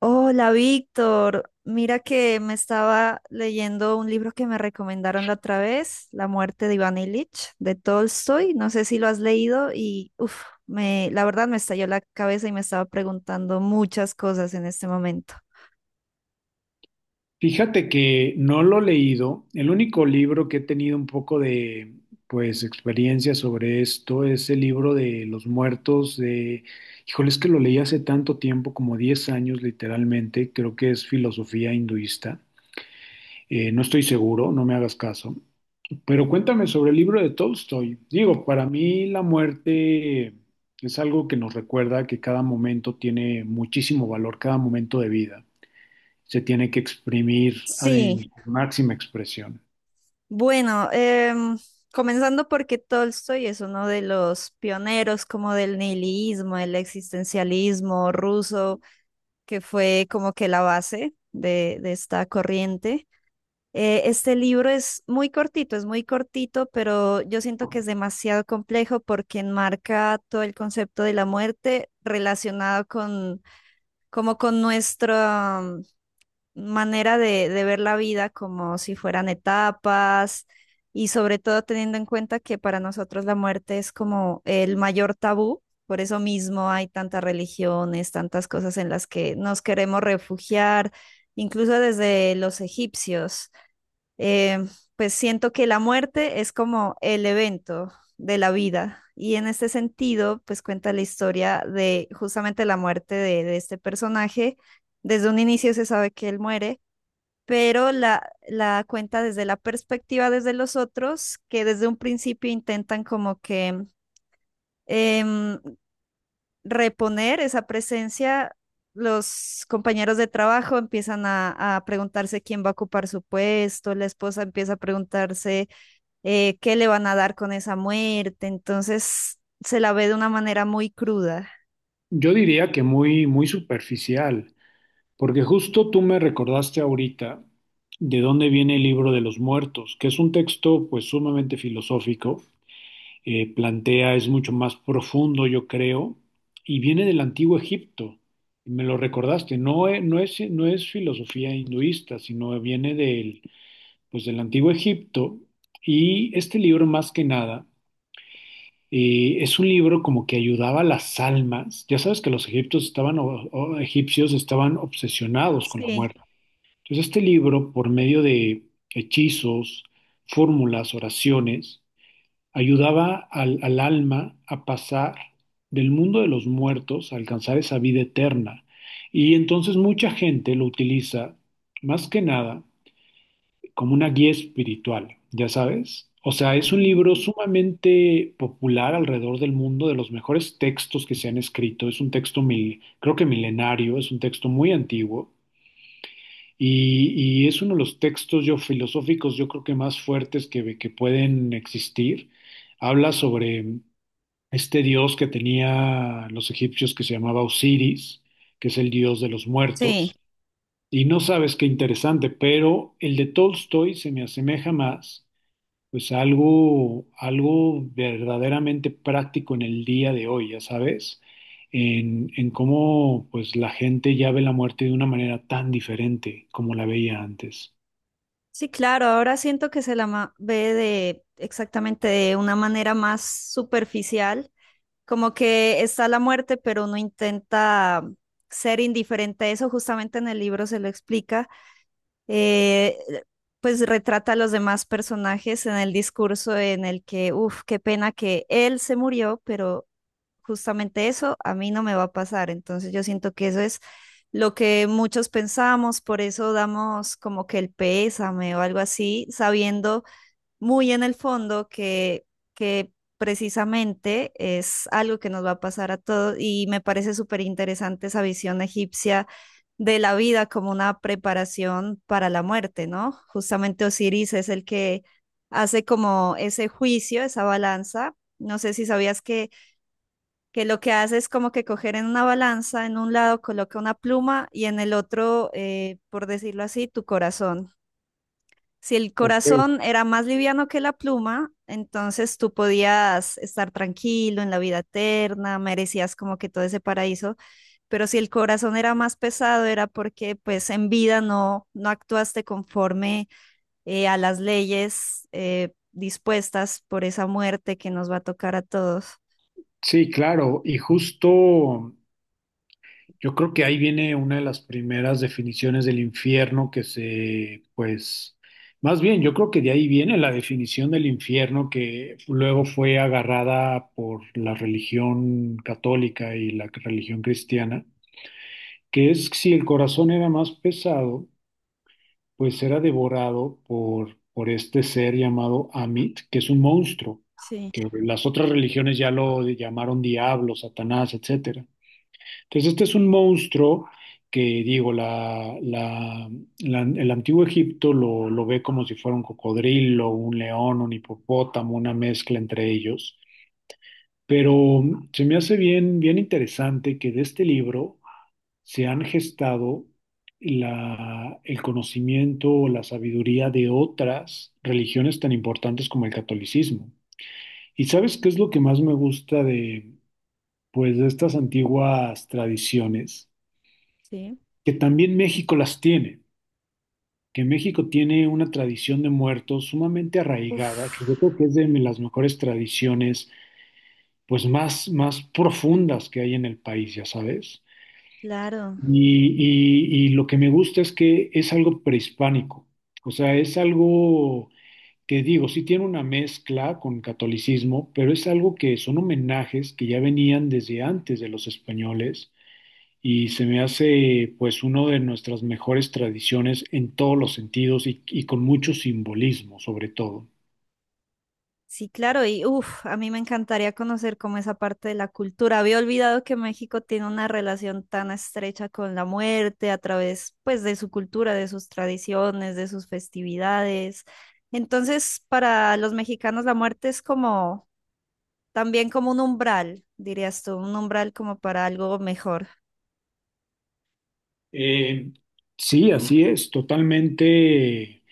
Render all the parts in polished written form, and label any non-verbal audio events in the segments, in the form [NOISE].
Hola, Víctor. Mira que me estaba leyendo un libro que me recomendaron la otra vez, La muerte de Iván Ilich, de Tolstoy. No sé si lo has leído y uf, me, la verdad me estalló la cabeza y me estaba preguntando muchas cosas en este momento. Fíjate que no lo he leído. El único libro que he tenido un poco de, pues, experiencia sobre esto es el libro de Los Muertos de, híjole, es que lo leí hace tanto tiempo, como 10 años literalmente. Creo que es filosofía hinduista. No estoy seguro, no me hagas caso. Pero cuéntame sobre el libro de Tolstoy. Digo, para mí la muerte es algo que nos recuerda que cada momento tiene muchísimo valor, cada momento de vida se tiene que exprimir en Sí, su máxima expresión. bueno, comenzando porque Tolstoy es uno de los pioneros como del nihilismo, el existencialismo ruso, que fue como que la base de esta corriente. Este libro es muy cortito, pero yo siento que es demasiado complejo porque enmarca todo el concepto de la muerte relacionado con, como con nuestra manera de ver la vida, como si fueran etapas, y sobre todo teniendo en cuenta que para nosotros la muerte es como el mayor tabú. Por eso mismo hay tantas religiones, tantas cosas en las que nos queremos refugiar, incluso desde los egipcios eh, pues siento que la muerte es como el evento de la vida. Y en este sentido, pues cuenta la historia de justamente la muerte de este personaje. Desde un inicio se sabe que él muere, pero la cuenta desde la perspectiva desde los otros, que desde un principio intentan como que em, reponer esa presencia. Los compañeros de trabajo empiezan a preguntarse quién va a ocupar su puesto, la esposa empieza a preguntarse qué le van a dar con esa muerte. Entonces se la ve de una manera muy cruda. Yo diría que muy, muy superficial, porque justo tú me recordaste ahorita de dónde viene el libro de los muertos, que es un texto pues sumamente filosófico, plantea, es mucho más profundo, yo creo, y viene del antiguo Egipto. Me lo recordaste, no, no es filosofía hinduista, sino viene del antiguo Egipto, y este libro más que nada. Y es un libro como que ayudaba a las almas. Ya sabes que los egipcios estaban, o egipcios estaban obsesionados con la Sí, muerte. Entonces este libro, por medio de hechizos, fórmulas, oraciones, ayudaba al alma a pasar del mundo de los muertos a alcanzar esa vida eterna. Y entonces mucha gente lo utiliza más que nada como una guía espiritual, ya sabes. O sea, es un ujú. libro sumamente popular alrededor del mundo, de los mejores textos que se han escrito. Es un texto, creo que milenario, es un texto muy antiguo y es uno de los textos filosóficos, yo creo que más fuertes que pueden existir. Habla sobre este dios que tenía los egipcios que se llamaba Osiris, que es el dios de los Sí, muertos. Y no sabes qué interesante, pero el de Tolstoy se me asemeja más pues algo verdaderamente práctico en el día de hoy, ya sabes, en cómo pues la gente ya ve la muerte de una manera tan diferente como la veía antes. sí, claro. Ahora siento que se la ve de exactamente de una manera más superficial, como que está la muerte, pero uno intenta ser indiferente a eso. Justamente en el libro se lo explica. eh, pues retrata a los demás personajes en el discurso en el que, uff, qué pena que él se murió, pero justamente eso a mí no me va a pasar. Entonces yo siento que eso es lo que muchos pensamos, por eso damos como que el pésame o algo así, sabiendo muy en el fondo que precisamente es algo que nos va a pasar a todos y me parece súper interesante esa visión egipcia de la vida como una preparación para la muerte, ¿no? Justamente Osiris es el que hace como ese juicio, esa balanza. No sé si sabías que lo que hace es como que coger en una balanza, en un lado coloca una pluma y en el otro, por decirlo así, tu corazón. Si el Ok. corazón era más liviano que la pluma, entonces tú podías estar tranquilo en la vida eterna, merecías como que todo ese paraíso, pero si el corazón era más pesado era porque pues en vida no, no actuaste conforme a las leyes dispuestas por esa muerte que nos va a tocar a todos. Sí, claro, y justo yo creo que ahí viene una de las primeras definiciones del infierno que se, pues, más bien, yo creo que de ahí viene la definición del infierno que luego fue agarrada por la religión católica y la religión cristiana que es si el corazón era más pesado, pues era devorado por este ser llamado Amit, que es un monstruo, Sí, que las otras religiones ya lo llamaron diablo, Satanás, etcétera. Entonces, este es un monstruo que, digo, el antiguo Egipto lo ve como si fuera un cocodrilo, un león, un hipopótamo, una mezcla entre ellos. Pero se me hace bien, bien interesante que de este libro se han gestado el conocimiento o la sabiduría de otras religiones tan importantes como el catolicismo. ¿Y sabes qué es lo que más me gusta de estas antiguas tradiciones? sí. Que también México las tiene, que México tiene una tradición de muertos sumamente arraigada, Uf. que yo creo que es de las mejores tradiciones, pues, más profundas que hay en el país, ya sabes. Claro, Y lo que me gusta es que es algo prehispánico, o sea, es algo que digo, sí tiene una mezcla con catolicismo, pero es algo que son homenajes que ya venían desde antes de los españoles y se me hace pues uno de nuestras mejores tradiciones en todos los sentidos y con mucho simbolismo sobre todo. sí, claro, y uff, a mí me encantaría conocer como esa parte de la cultura. Había olvidado que México tiene una relación tan estrecha con la muerte a través, pues, de su cultura, de sus tradiciones, de sus festividades. Entonces, para los mexicanos la muerte es como también como un umbral, dirías tú, un umbral como para algo mejor. Eh, sí, así es, totalmente.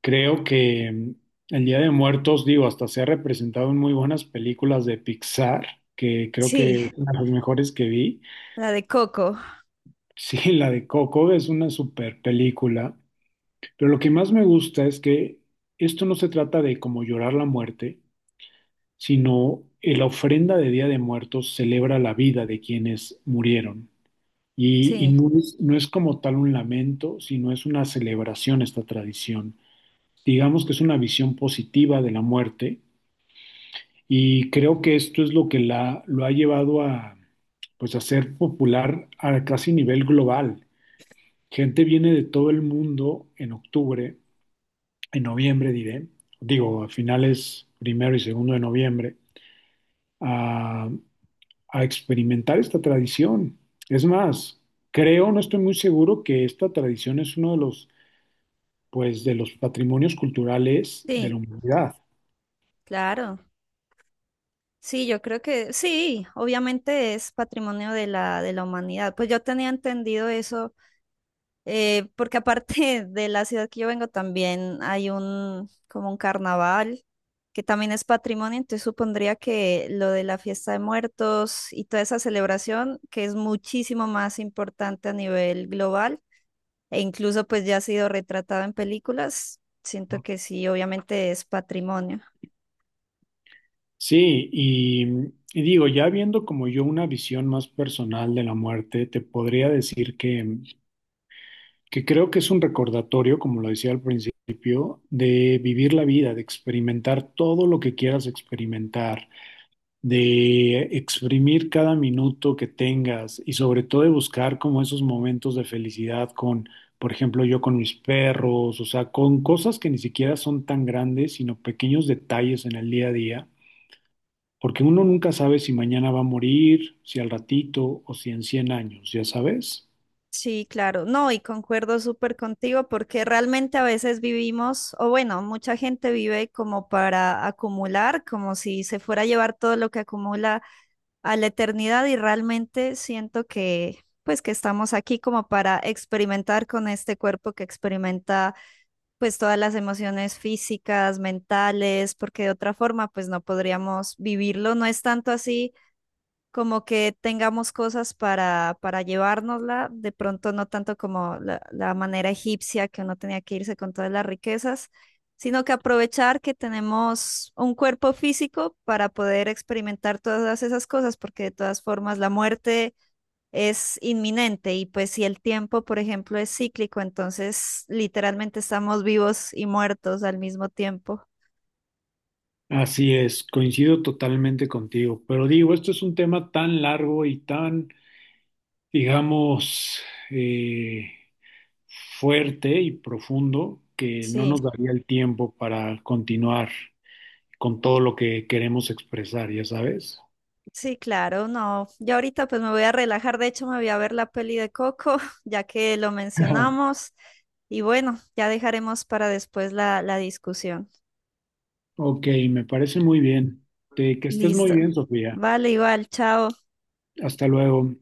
Creo que el Día de Muertos, digo, hasta se ha representado en muy buenas películas de Pixar, que creo que Sí, es una de las mejores que vi. [LAUGHS] la de Coco. Sí, la de Coco es una super película, pero lo que más me gusta es que esto no se trata de como llorar la muerte, sino la ofrenda de Día de Muertos celebra la vida de quienes murieron. Y Sí, no es, como tal un lamento, sino es una celebración esta tradición. Digamos que es una visión positiva de la muerte. Y creo que esto es lo que lo ha llevado a, pues, a ser popular a casi nivel global. Gente viene de todo el mundo en octubre, en noviembre diré, digo, a finales primero y segundo de noviembre, a, a experimentar esta tradición. Es más, creo, no estoy muy seguro que esta tradición es uno de los patrimonios culturales de sí, la humanidad. claro. Sí, yo creo que sí, obviamente es patrimonio de la humanidad. Pues yo tenía entendido eso, porque aparte [LAUGHS] de la ciudad que yo vengo también hay un como un carnaval que también es patrimonio, entonces supondría que lo de la fiesta de muertos y toda esa celebración, que es muchísimo más importante a nivel global e incluso pues ya ha sido retratado en películas, siento ¿No? que sí, obviamente es patrimonio. Sí, y digo, ya viendo como yo una visión más personal de la muerte, te podría decir que creo que es un recordatorio, como lo decía al principio, de vivir la vida, de experimentar todo lo que quieras experimentar, de exprimir cada minuto que tengas y sobre todo de buscar como esos momentos de felicidad con, por ejemplo, yo con mis perros, o sea, con cosas que ni siquiera son tan grandes, sino pequeños detalles en el día a día porque uno nunca sabe si mañana va a morir, si al ratito o si en 100 años, ¿ya sabes? Sí, claro, no, y concuerdo súper contigo porque realmente a veces vivimos, o bueno, mucha gente vive como para acumular, como si se fuera a llevar todo lo que acumula a la eternidad y realmente siento que pues que estamos aquí como para experimentar con este cuerpo que experimenta pues todas las emociones físicas, mentales, porque de otra forma pues no podríamos vivirlo, no es tanto así como que tengamos cosas para llevárnosla, de pronto no tanto como la manera egipcia que uno tenía que irse con todas las riquezas, sino que aprovechar que tenemos un cuerpo físico para poder experimentar todas esas cosas, porque de todas formas la muerte es inminente y pues si el tiempo, por ejemplo, es cíclico, entonces literalmente estamos vivos y muertos al mismo tiempo. Así es, coincido totalmente contigo, pero digo, esto es un tema tan largo y tan, digamos, eh, fuerte y profundo que no Sí. nos daría el tiempo para continuar con todo lo que queremos expresar, ¿ya sabes? Sí, claro, no. Ya ahorita pues me voy a relajar, de hecho me voy a ver la peli de Coco, [LAUGHS] ya que lo [LAUGHS] mencionamos. Y bueno, ya dejaremos para después la discusión. Ok, me parece muy bien. Que estés muy Listo. bien, Sofía. Vale, igual, chao. Hasta luego.